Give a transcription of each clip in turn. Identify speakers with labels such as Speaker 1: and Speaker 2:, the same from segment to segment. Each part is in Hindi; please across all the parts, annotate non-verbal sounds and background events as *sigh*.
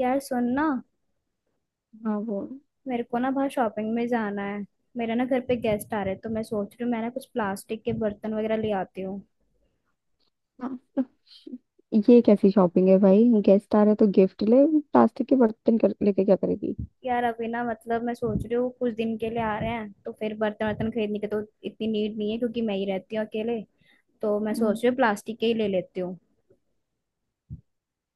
Speaker 1: यार सुन ना।
Speaker 2: हाँ। वो।
Speaker 1: मेरे को ना बाहर शॉपिंग में जाना है। मेरे ना घर पे गेस्ट आ रहे हैं तो मैं सोच रही हूँ मैं ना कुछ प्लास्टिक के बर्तन वगैरह ले आती हूँ।
Speaker 2: हाँ तो ये कैसी शॉपिंग है भाई? गेस्ट आ रहे तो गिफ्ट ले, प्लास्टिक के बर्तन कर, लेके क्या करेगी?
Speaker 1: यार अभी ना मतलब मैं सोच रही हूँ कुछ दिन के लिए आ रहे हैं तो फिर बर्तन वर्तन खरीदने की तो इतनी नीड नहीं है क्योंकि मैं ही रहती हूँ अकेले। तो मैं
Speaker 2: हम्म,
Speaker 1: सोच रही हूँ प्लास्टिक के ही ले लेती हूँ।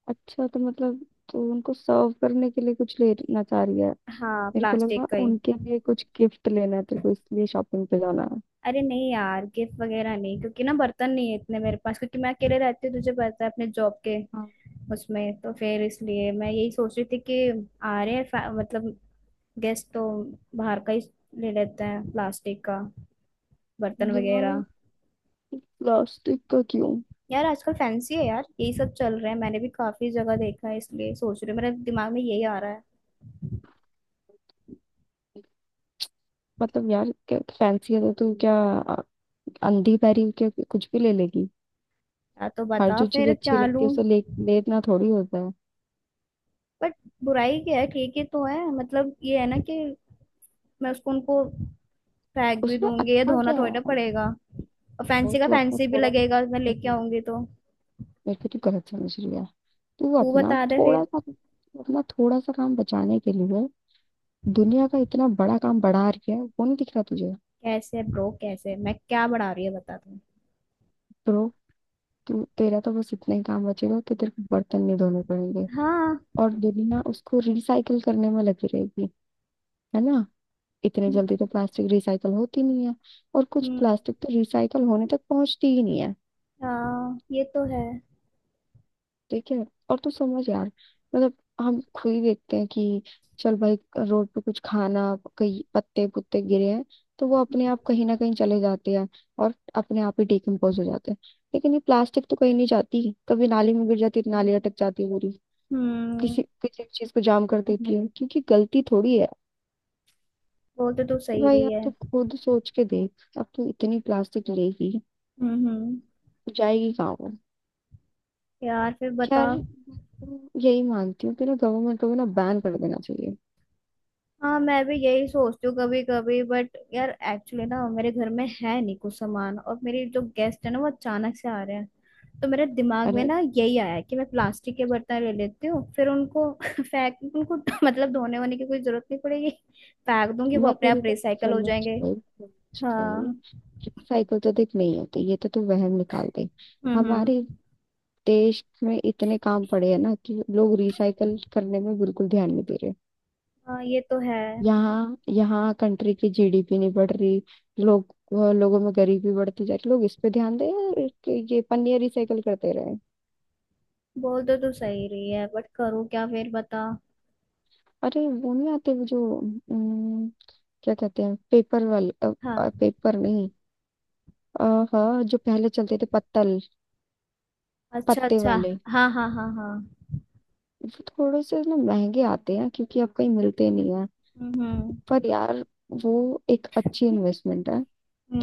Speaker 2: अच्छा, तो मतलब तो उनको सर्व करने के लिए कुछ लेना चाह रही है।
Speaker 1: हाँ,
Speaker 2: मेरे को लगा
Speaker 1: प्लास्टिक का ही।
Speaker 2: उनके लिए कुछ गिफ्ट लेना है तेरे को, इसलिए शॉपिंग पे जाना है।
Speaker 1: अरे नहीं यार गिफ्ट वगैरह नहीं क्योंकि ना बर्तन नहीं है इतने मेरे पास, क्योंकि मैं अकेले रहती हूँ, तुझे पता है अपने जॉब के।
Speaker 2: हाँ।
Speaker 1: उसमें तो फिर इसलिए मैं यही सोच रही थी कि आ रहे हैं मतलब गैस तो बाहर का ही ले लेते हैं प्लास्टिक का बर्तन
Speaker 2: यार
Speaker 1: वगैरह।
Speaker 2: प्लास्टिक का क्यों?
Speaker 1: यार आजकल फैंसी है यार, यही सब चल रहा है, मैंने भी काफी जगह देखा है, इसलिए सोच रही हूँ, मेरे दिमाग में यही आ रहा है।
Speaker 2: मतलब यार क्या फैंसी है, तो तू क्या अ, अंधी पैरी हो क्या, कुछ भी ले लेगी?
Speaker 1: यार तो
Speaker 2: हर
Speaker 1: बता
Speaker 2: जो चीज
Speaker 1: फिर
Speaker 2: अच्छी
Speaker 1: क्या
Speaker 2: लगती है
Speaker 1: लूं।
Speaker 2: उसे ले लेना थोड़ी होता है।
Speaker 1: बट बुराई क्या है, ठीक ही तो है, मतलब ये है ना कि मैं उसको उनको फेंक भी
Speaker 2: उसमें
Speaker 1: दूंगी या
Speaker 2: अच्छा
Speaker 1: धोना
Speaker 2: क्या
Speaker 1: थोड़ी ना
Speaker 2: है?
Speaker 1: पड़ेगा। और
Speaker 2: वो
Speaker 1: फैंसी का
Speaker 2: तू अपना
Speaker 1: फैंसी भी
Speaker 2: थोड़ा,
Speaker 1: लगेगा मैं लेके आऊंगी तो।
Speaker 2: मेरे को तू गलत समझ रही है। तू
Speaker 1: तू
Speaker 2: अपना
Speaker 1: बता दे
Speaker 2: थोड़ा
Speaker 1: फिर।
Speaker 2: सा, अपना थोड़ा सा काम बचाने के लिए दुनिया का इतना बड़ा काम बढ़ा रही है, वो नहीं दिख रहा तुझे?
Speaker 1: कैसे ब्रो, कैसे मैं क्या बढ़ा रही है बता तू।
Speaker 2: तो तू, तेरा तो बस इतना ही काम बचेगा कि तेरे को बर्तन नहीं धोने पड़ेंगे,
Speaker 1: हाँ।
Speaker 2: और दुनिया उसको रिसाइकल करने में लगी रहेगी। है ना? इतने जल्दी तो प्लास्टिक रिसाइकल होती नहीं है, और कुछ
Speaker 1: हम्म।
Speaker 2: प्लास्टिक तो रिसाइकल होने तक पहुंचती ही नहीं है।
Speaker 1: हाँ, ये तो है।
Speaker 2: ठीक है। और तू समझ यार, मतलब हम खुद ही देखते हैं कि चल भाई, रोड पे कुछ खाना, कहीं पत्ते पुत्ते गिरे हैं तो वो अपने
Speaker 1: हम्म
Speaker 2: आप कहीं ना कहीं चले जाते हैं और अपने आप ही डिकम्पोज हो जाते हैं। लेकिन ये प्लास्टिक तो कहीं नहीं जाती, कभी नाली में गिर जाती है तो नाली अटक जाती है पूरी,
Speaker 1: हम्म।
Speaker 2: किसी किसी चीज को जाम कर देती है, क्योंकि गलती थोड़ी है।
Speaker 1: वो तो तू
Speaker 2: तो
Speaker 1: सही
Speaker 2: भाई
Speaker 1: रही
Speaker 2: अब तो
Speaker 1: है।
Speaker 2: खुद सोच के देख, अब तो इतनी प्लास्टिक लेगी,
Speaker 1: हम्म।
Speaker 2: जाएगी कहाँ वो?
Speaker 1: यार फिर बता।
Speaker 2: खैर मैं तो यही मानती हूँ कि ना गवर्नमेंट को भी ना बैन कर देना चाहिए।
Speaker 1: हाँ, मैं भी यही सोचती हूँ कभी कभी बट यार एक्चुअली ना मेरे घर में है नहीं कुछ सामान, और मेरे जो गेस्ट है ना वो अचानक से आ रहे हैं। तो मेरे दिमाग में
Speaker 2: अरे
Speaker 1: ना यही आया कि मैं प्लास्टिक के बर्तन ले लेती हूँ, फिर उनको *laughs* फेंक उनको *laughs* मतलब धोने होने की कोई जरूरत नहीं पड़ेगी। फेंक दूंगी, वो
Speaker 2: मैं
Speaker 1: अपने
Speaker 2: तेरी
Speaker 1: आप
Speaker 2: बात
Speaker 1: रिसाइकल हो
Speaker 2: समझ
Speaker 1: जाएंगे।
Speaker 2: गई, समझ
Speaker 1: हाँ।
Speaker 2: गई। साइकिल तो देख नहीं होती, ये तो तू वहम निकाल दे। हमारे
Speaker 1: हम्म।
Speaker 2: देश में इतने काम पड़े हैं ना कि लोग रिसाइकल करने में बिल्कुल ध्यान नहीं दे रहे।
Speaker 1: हाँ, ये तो है।
Speaker 2: यहाँ यहाँ कंट्री की जीडीपी नहीं बढ़ रही, लोग, लोगों में गरीबी बढ़ती जा रही, लोग इस पे ध्यान दें और कि ये पन्नियाँ रिसाइकल करते रहे।
Speaker 1: बोल तो तू सही रही है, बट करूँ क्या फिर बता।
Speaker 2: अरे वो नहीं आते, वो जो अम, क्या कहते हैं, पेपर वाले?
Speaker 1: हाँ।
Speaker 2: पेपर नहीं अ, हाँ, जो पहले चलते थे, पत्तल,
Speaker 1: अच्छा
Speaker 2: पत्ते
Speaker 1: अच्छा।
Speaker 2: वाले।
Speaker 1: हाँ हाँ हाँ हाँ।
Speaker 2: वो थोड़े से ना महंगे आते हैं क्योंकि अब कहीं मिलते नहीं है,
Speaker 1: हम्म हम्म
Speaker 2: पर यार वो एक अच्छी इन्वेस्टमेंट है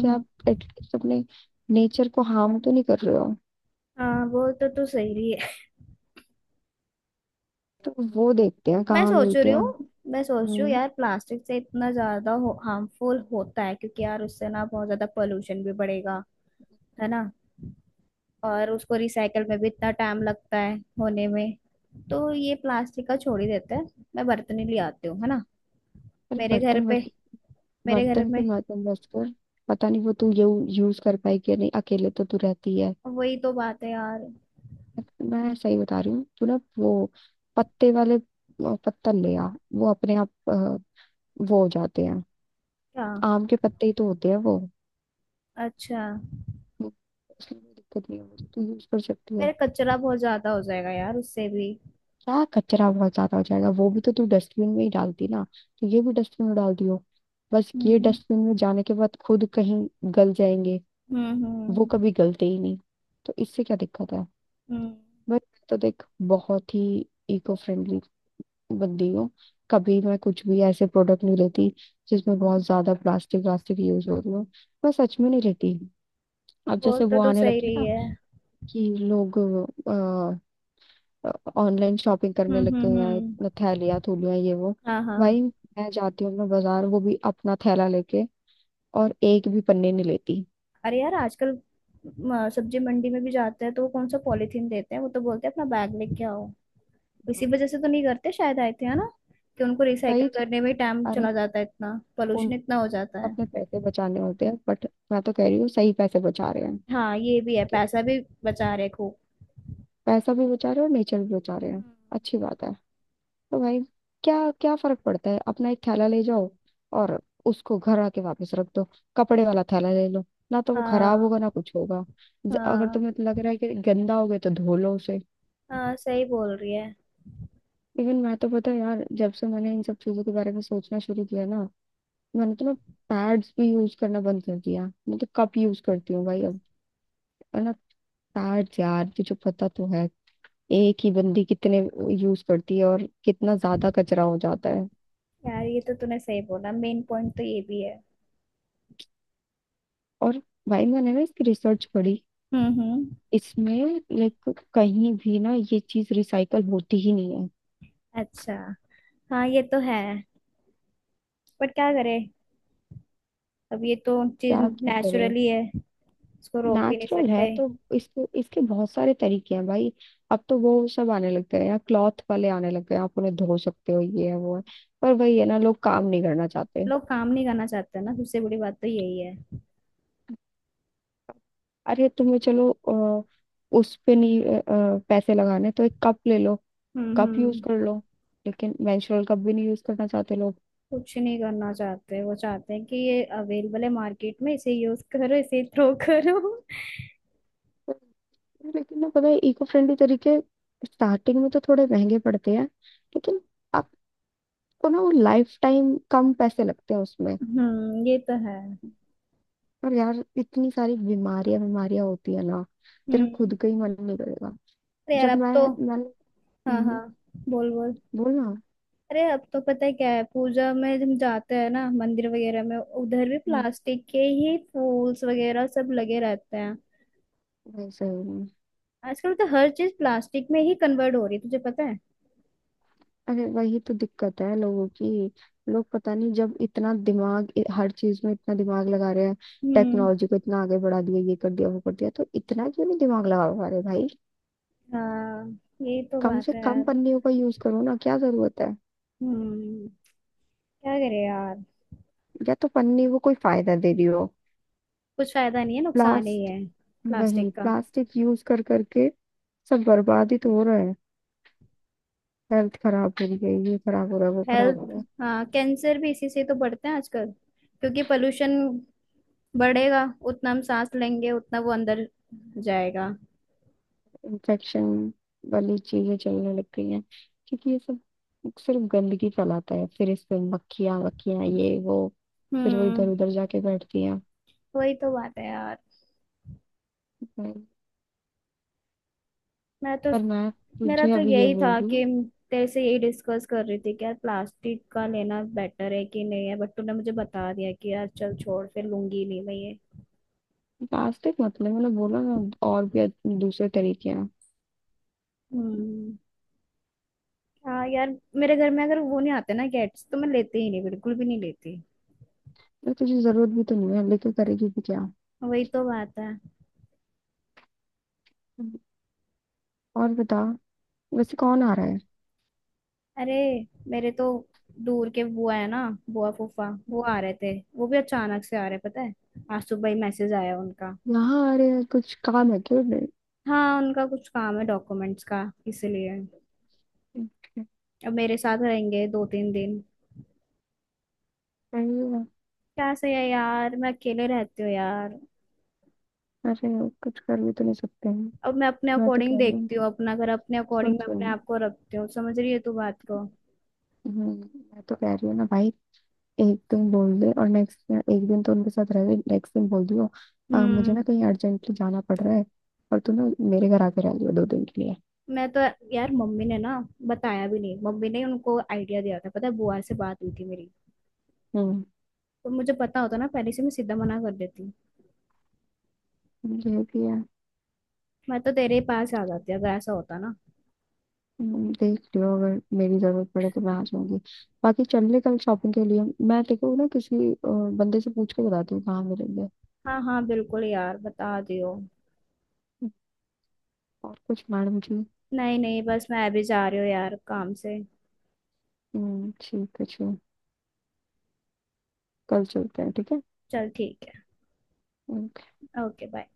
Speaker 2: कि आप एटलीस्ट अपने नेचर को हार्म तो नहीं कर रहे हो।
Speaker 1: हाँ, वो तो तू सही रही है।
Speaker 2: तो वो देखते हैं
Speaker 1: मैं
Speaker 2: कहाँ
Speaker 1: सोच
Speaker 2: मिलते
Speaker 1: रही
Speaker 2: हैं।
Speaker 1: हूँ, मैं सोच रही हूँ
Speaker 2: हम्म,
Speaker 1: यार, प्लास्टिक से इतना ज्यादा हार्मफुल होता है क्योंकि यार उससे ना बहुत ज्यादा पोल्यूशन भी बढ़ेगा। है ना। और उसको रिसाइकल में भी इतना टाइम लगता है होने में। तो ये प्लास्टिक का छोड़ ही देते हैं। मैं बर्तन ही ले आती हूँ, है ना।
Speaker 2: पर
Speaker 1: मेरे घर
Speaker 2: बर्तन,
Speaker 1: पे,
Speaker 2: बर्तन,
Speaker 1: मेरे घर
Speaker 2: बर्तन पे
Speaker 1: में।
Speaker 2: मत इन्वेस्ट कर। पता नहीं वो तू यूज कर पाई कि नहीं, अकेले तो तू रहती है।
Speaker 1: वही तो बात है यार।
Speaker 2: मैं सही बता रही हूँ, तू ना वो पत्ते वाले पत्तल ले आ। वो अपने आप वो हो जाते हैं।
Speaker 1: क्या।
Speaker 2: आम के पत्ते ही तो होते हैं वो।
Speaker 1: अच्छा।
Speaker 2: वो- उसमें कोई दिक्कत नहीं है मुझे, तू यूज कर सकती है।
Speaker 1: मेरा कचरा बहुत ज्यादा हो जाएगा यार उससे भी।
Speaker 2: क्या कचरा बहुत ज्यादा हो जाएगा? वो भी तो तू डस्टबिन में ही डालती ना, तो ये भी डस्टबिन में डालती हो। बस ये
Speaker 1: हम्म
Speaker 2: डस्टबिन में जाने के बाद खुद कहीं गल जाएंगे,
Speaker 1: हम्म।
Speaker 2: वो कभी गलते ही नहीं। तो इससे क्या दिक्कत है?
Speaker 1: हम्म।
Speaker 2: बट तो देख, बहुत ही इको फ्रेंडली बंदी हूँ। कभी मैं कुछ भी ऐसे प्रोडक्ट नहीं लेती जिसमें बहुत ज्यादा प्लास्टिक व्लास्टिक यूज हो रही हो। मैं सच में नहीं लेती। अब
Speaker 1: बोल
Speaker 2: जैसे
Speaker 1: तो
Speaker 2: वो
Speaker 1: तू
Speaker 2: आने
Speaker 1: सही
Speaker 2: लगी है
Speaker 1: रही
Speaker 2: ना
Speaker 1: है।
Speaker 2: कि लोग ऑनलाइन शॉपिंग करने लग गए
Speaker 1: हम्म।
Speaker 2: हैं,
Speaker 1: हम्म।
Speaker 2: इतना थैलियाँ थूलियाँ ये वो।
Speaker 1: हाँ हाँ।
Speaker 2: भाई मैं जाती हूँ, मैं बाजार वो भी अपना थैला लेके, और एक भी पन्ने नहीं लेती।
Speaker 1: अरे यार आजकल सब्जी मंडी में भी जाते हैं तो वो कौन सा पॉलीथीन देते हैं, वो तो बोलते हैं अपना बैग लेके आओ। इसी वजह से तो नहीं करते शायद, आए थे है ना कि उनको
Speaker 2: सही
Speaker 1: रिसाइकल
Speaker 2: चीज।
Speaker 1: करने में टाइम
Speaker 2: अरे
Speaker 1: चला जाता है इतना। पोल्यूशन
Speaker 2: उन,
Speaker 1: इतना हो जाता है।
Speaker 2: अपने पैसे बचाने होते हैं, बट मैं तो कह रही हूँ सही पैसे बचा रहे हैं
Speaker 1: हाँ ये भी है,
Speaker 2: कि
Speaker 1: पैसा भी बचा रहे खूब।
Speaker 2: पैसा भी बचा रहे हैं, और नेचर भी बचा रहे हैं। अच्छी
Speaker 1: हम्म।
Speaker 2: बात है। तो भाई क्या, क्या फर्क पड़ता है? अपना एक थैला ले जाओ और उसको घर आके वापस रख दो। कपड़े वाला थैला ले लो, ना तो वो खराब
Speaker 1: हाँ
Speaker 2: होगा ना कुछ होगा। अगर
Speaker 1: हाँ,
Speaker 2: तुम्हें लग रहा है कि गंदा हो गया तो धो लो उसे।
Speaker 1: हाँ सही बोल रही है।
Speaker 2: इवन मैं तो, पता है यार, जब से मैंने इन सब चीजों के बारे में सोचना शुरू किया ना, मैंने तो ना पैड्स भी यूज करना बंद कर दिया, मैं तो कप यूज करती हूँ भाई अब। है ना? पैड्स, यार तुझे पता तो है, एक ही बंदी कितने यूज करती है, और कितना ज्यादा कचरा हो जाता है।
Speaker 1: यार ये तो तूने सही बोला, मेन पॉइंट तो ये भी है।
Speaker 2: और भाई मैंने ना इसकी रिसर्च पढ़ी,
Speaker 1: हम्म।
Speaker 2: इसमें लाइक कहीं भी ना ये चीज रिसाइकल होती ही नहीं है।
Speaker 1: अच्छा। हाँ ये तो है। पर क्या करे। अब ये तो चीज
Speaker 2: क्या क्या करें?
Speaker 1: नेचुरली है। इसको रोक भी नहीं
Speaker 2: नेचुरल है
Speaker 1: सकते।
Speaker 2: तो इसको, इसके बहुत सारे तरीके हैं भाई। अब तो वो सब आने लग गए हैं, क्लॉथ वाले आने लग गए हैं, आप उन्हें धो सकते हो, ये है वो है। पर वही है ना, लोग काम नहीं करना चाहते।
Speaker 1: लोग काम नहीं करना चाहते ना, सबसे बड़ी बात तो यही है।
Speaker 2: अरे तुम्हें चलो उस पे नहीं पैसे लगाने, तो एक कप ले लो। कप यूज
Speaker 1: हम्म।
Speaker 2: कर लो। लेकिन मेंस्ट्रुअल कप भी नहीं यूज करना चाहते लोग।
Speaker 1: कुछ नहीं करना चाहते, वो चाहते हैं कि ये अवेलेबल है मार्केट में, इसे यूज करो, इसे थ्रो *laughs* करो।
Speaker 2: लेकिन ना पता है इको फ्रेंडली तरीके स्टार्टिंग में तो थोड़े महंगे पड़ते हैं, लेकिन आपको ना वो लाइफ टाइम कम पैसे लगते हैं उसमें।
Speaker 1: हम्म, ये तो है।
Speaker 2: और यार इतनी सारी बीमारियां बीमारियां होती है ना, तेरा खुद
Speaker 1: हम्म।
Speaker 2: का ही मन नहीं करेगा।
Speaker 1: अरे यार
Speaker 2: जब
Speaker 1: अब
Speaker 2: मैं,
Speaker 1: तो।
Speaker 2: मैं।
Speaker 1: हाँ
Speaker 2: हम्म।
Speaker 1: हाँ। बोल बोल।
Speaker 2: बोलना।
Speaker 1: अरे अब तो पता है क्या है, पूजा में जब जाते हैं ना मंदिर वगैरह में, उधर भी
Speaker 2: हम्म।
Speaker 1: प्लास्टिक के ही फूल्स वगैरह सब लगे रहते हैं।
Speaker 2: वैसे ही।
Speaker 1: आजकल तो हर चीज प्लास्टिक में ही कन्वर्ट हो रही है, तुझे पता है।
Speaker 2: अरे वही तो दिक्कत है लोगों की। लोग पता नहीं, जब इतना दिमाग हर चीज में इतना दिमाग लगा रहे हैं,
Speaker 1: हम्म।
Speaker 2: टेक्नोलॉजी को इतना आगे बढ़ा दिया, ये कर दिया वो कर दिया, तो इतना क्यों नहीं दिमाग लगा पा रहे भाई?
Speaker 1: हाँ ये तो
Speaker 2: कम से
Speaker 1: बात है
Speaker 2: कम
Speaker 1: यार।
Speaker 2: पन्नियों का यूज करो ना, क्या जरूरत है?
Speaker 1: हम्म। क्या करे यार।
Speaker 2: या तो पन्नी वो कोई फायदा दे रही हो,
Speaker 1: कुछ फायदा नहीं है, नुकसान ही
Speaker 2: प्लास्टिक,
Speaker 1: है।
Speaker 2: वही
Speaker 1: प्लास्टिक का।
Speaker 2: प्लास्टिक यूज कर करके सब बर्बाद ही तो हो रहा है। हेल्थ खराब हो रही है, ये खराब हो रहा है, वो खराब हो रहा
Speaker 1: हेल्थ।
Speaker 2: है।
Speaker 1: हाँ, कैंसर भी इसी से तो बढ़ते हैं आजकल। क्योंकि पोल्यूशन बढ़ेगा उतना, हम सांस लेंगे उतना वो अंदर जाएगा।
Speaker 2: इन्फेक्शन वाली चीजें चलने लग गई हैं, क्योंकि ये सब सिर्फ गंदगी फैलाता है, फिर इस पे मक्खियां वक्खियां ये वो, फिर वो इधर
Speaker 1: हम्म।
Speaker 2: उधर जाके बैठती हैं।
Speaker 1: वही तो बात है यार। मैं तो।
Speaker 2: पर मैं
Speaker 1: मेरा
Speaker 2: तुझे
Speaker 1: तो
Speaker 2: अभी ये
Speaker 1: यही
Speaker 2: बोल
Speaker 1: था
Speaker 2: रही हूँ,
Speaker 1: कि तेरे से यही डिस्कस कर रही थी कि यार प्लास्टिक का लेना बेटर है कि नहीं है, बट तूने मुझे बता दिया कि यार चल छोड़, फिर लूंगी नहीं मैं ये।
Speaker 2: प्लास्टिक मत ले, मैंने बोला ना, और भी दूसरे तरीके हैं।
Speaker 1: हम्म। हाँ यार। मेरे घर में अगर वो नहीं आते ना कैट्स, तो मैं लेती ही नहीं, बिल्कुल भी नहीं लेती।
Speaker 2: यार तुझे जरूरत भी तो नहीं है, लेके करेगी भी क्या।
Speaker 1: वही तो बात है।
Speaker 2: और बता, वैसे कौन आ रहा है?
Speaker 1: अरे मेरे तो दूर के बुआ है ना, बुआ फूफा वो आ रहे थे, वो भी अचानक से आ रहे पता है। आज सुबह ही मैसेज आया उनका।
Speaker 2: यहाँ? अरे यार, कुछ काम है क्यों नहीं?
Speaker 1: हाँ उनका कुछ काम है डॉक्यूमेंट्स का, इसलिए अब मेरे साथ रहेंगे दो तीन दिन।
Speaker 2: सही है।
Speaker 1: क्या सही है यार, मैं अकेले रहती हूँ यार।
Speaker 2: अरे कुछ कर भी तो नहीं सकते हैं।
Speaker 1: अब मैं अपने
Speaker 2: मैं तो
Speaker 1: अकॉर्डिंग
Speaker 2: कह रही हूँ,
Speaker 1: देखती हूँ अपना घर, अपने
Speaker 2: सुन
Speaker 1: अकॉर्डिंग मैं
Speaker 2: सुन।
Speaker 1: अपने आप को रखती हूँ, समझ रही है तू बात को।
Speaker 2: हम्म। मैं तो कह रही हूँ ना भाई, एक दिन बोल दे, और नेक्स्ट एक दिन तो उनके साथ रह ले, नेक्स्ट दिन बोल दियो, मुझे ना
Speaker 1: हम्म।
Speaker 2: कहीं अर्जेंटली जाना पड़ रहा है, और तू ना मेरे घर आके रह लियो 2 दिन के लिए।"
Speaker 1: मैं तो यार, मम्मी ने ना बताया भी नहीं, मम्मी ने उनको आइडिया दिया था पता है, बुआ से बात हुई थी मेरी। तो मुझे पता होता ना पहले से, मैं सीधा मना कर देती।
Speaker 2: हम्म।
Speaker 1: मैं तो तेरे ही पास आ जाती अगर ऐसा होता ना।
Speaker 2: देख लियो, अगर मेरी जरूरत पड़े तो मैं आ जाऊंगी। बाकी चल ले कल शॉपिंग के लिए। मैं देखो ना, किसी बंदे से पूछ के बताती हूँ कहाँ मिलेंगे।
Speaker 1: हाँ हाँ बिल्कुल यार बता दियो।
Speaker 2: और कुछ मैडम जी?
Speaker 1: नहीं नहीं बस मैं अभी जा रही हूँ यार काम से।
Speaker 2: ठीक है, चलो, कल चलते हैं, ठीक है।
Speaker 1: चल ठीक
Speaker 2: हम्म।
Speaker 1: है, ओके बाय।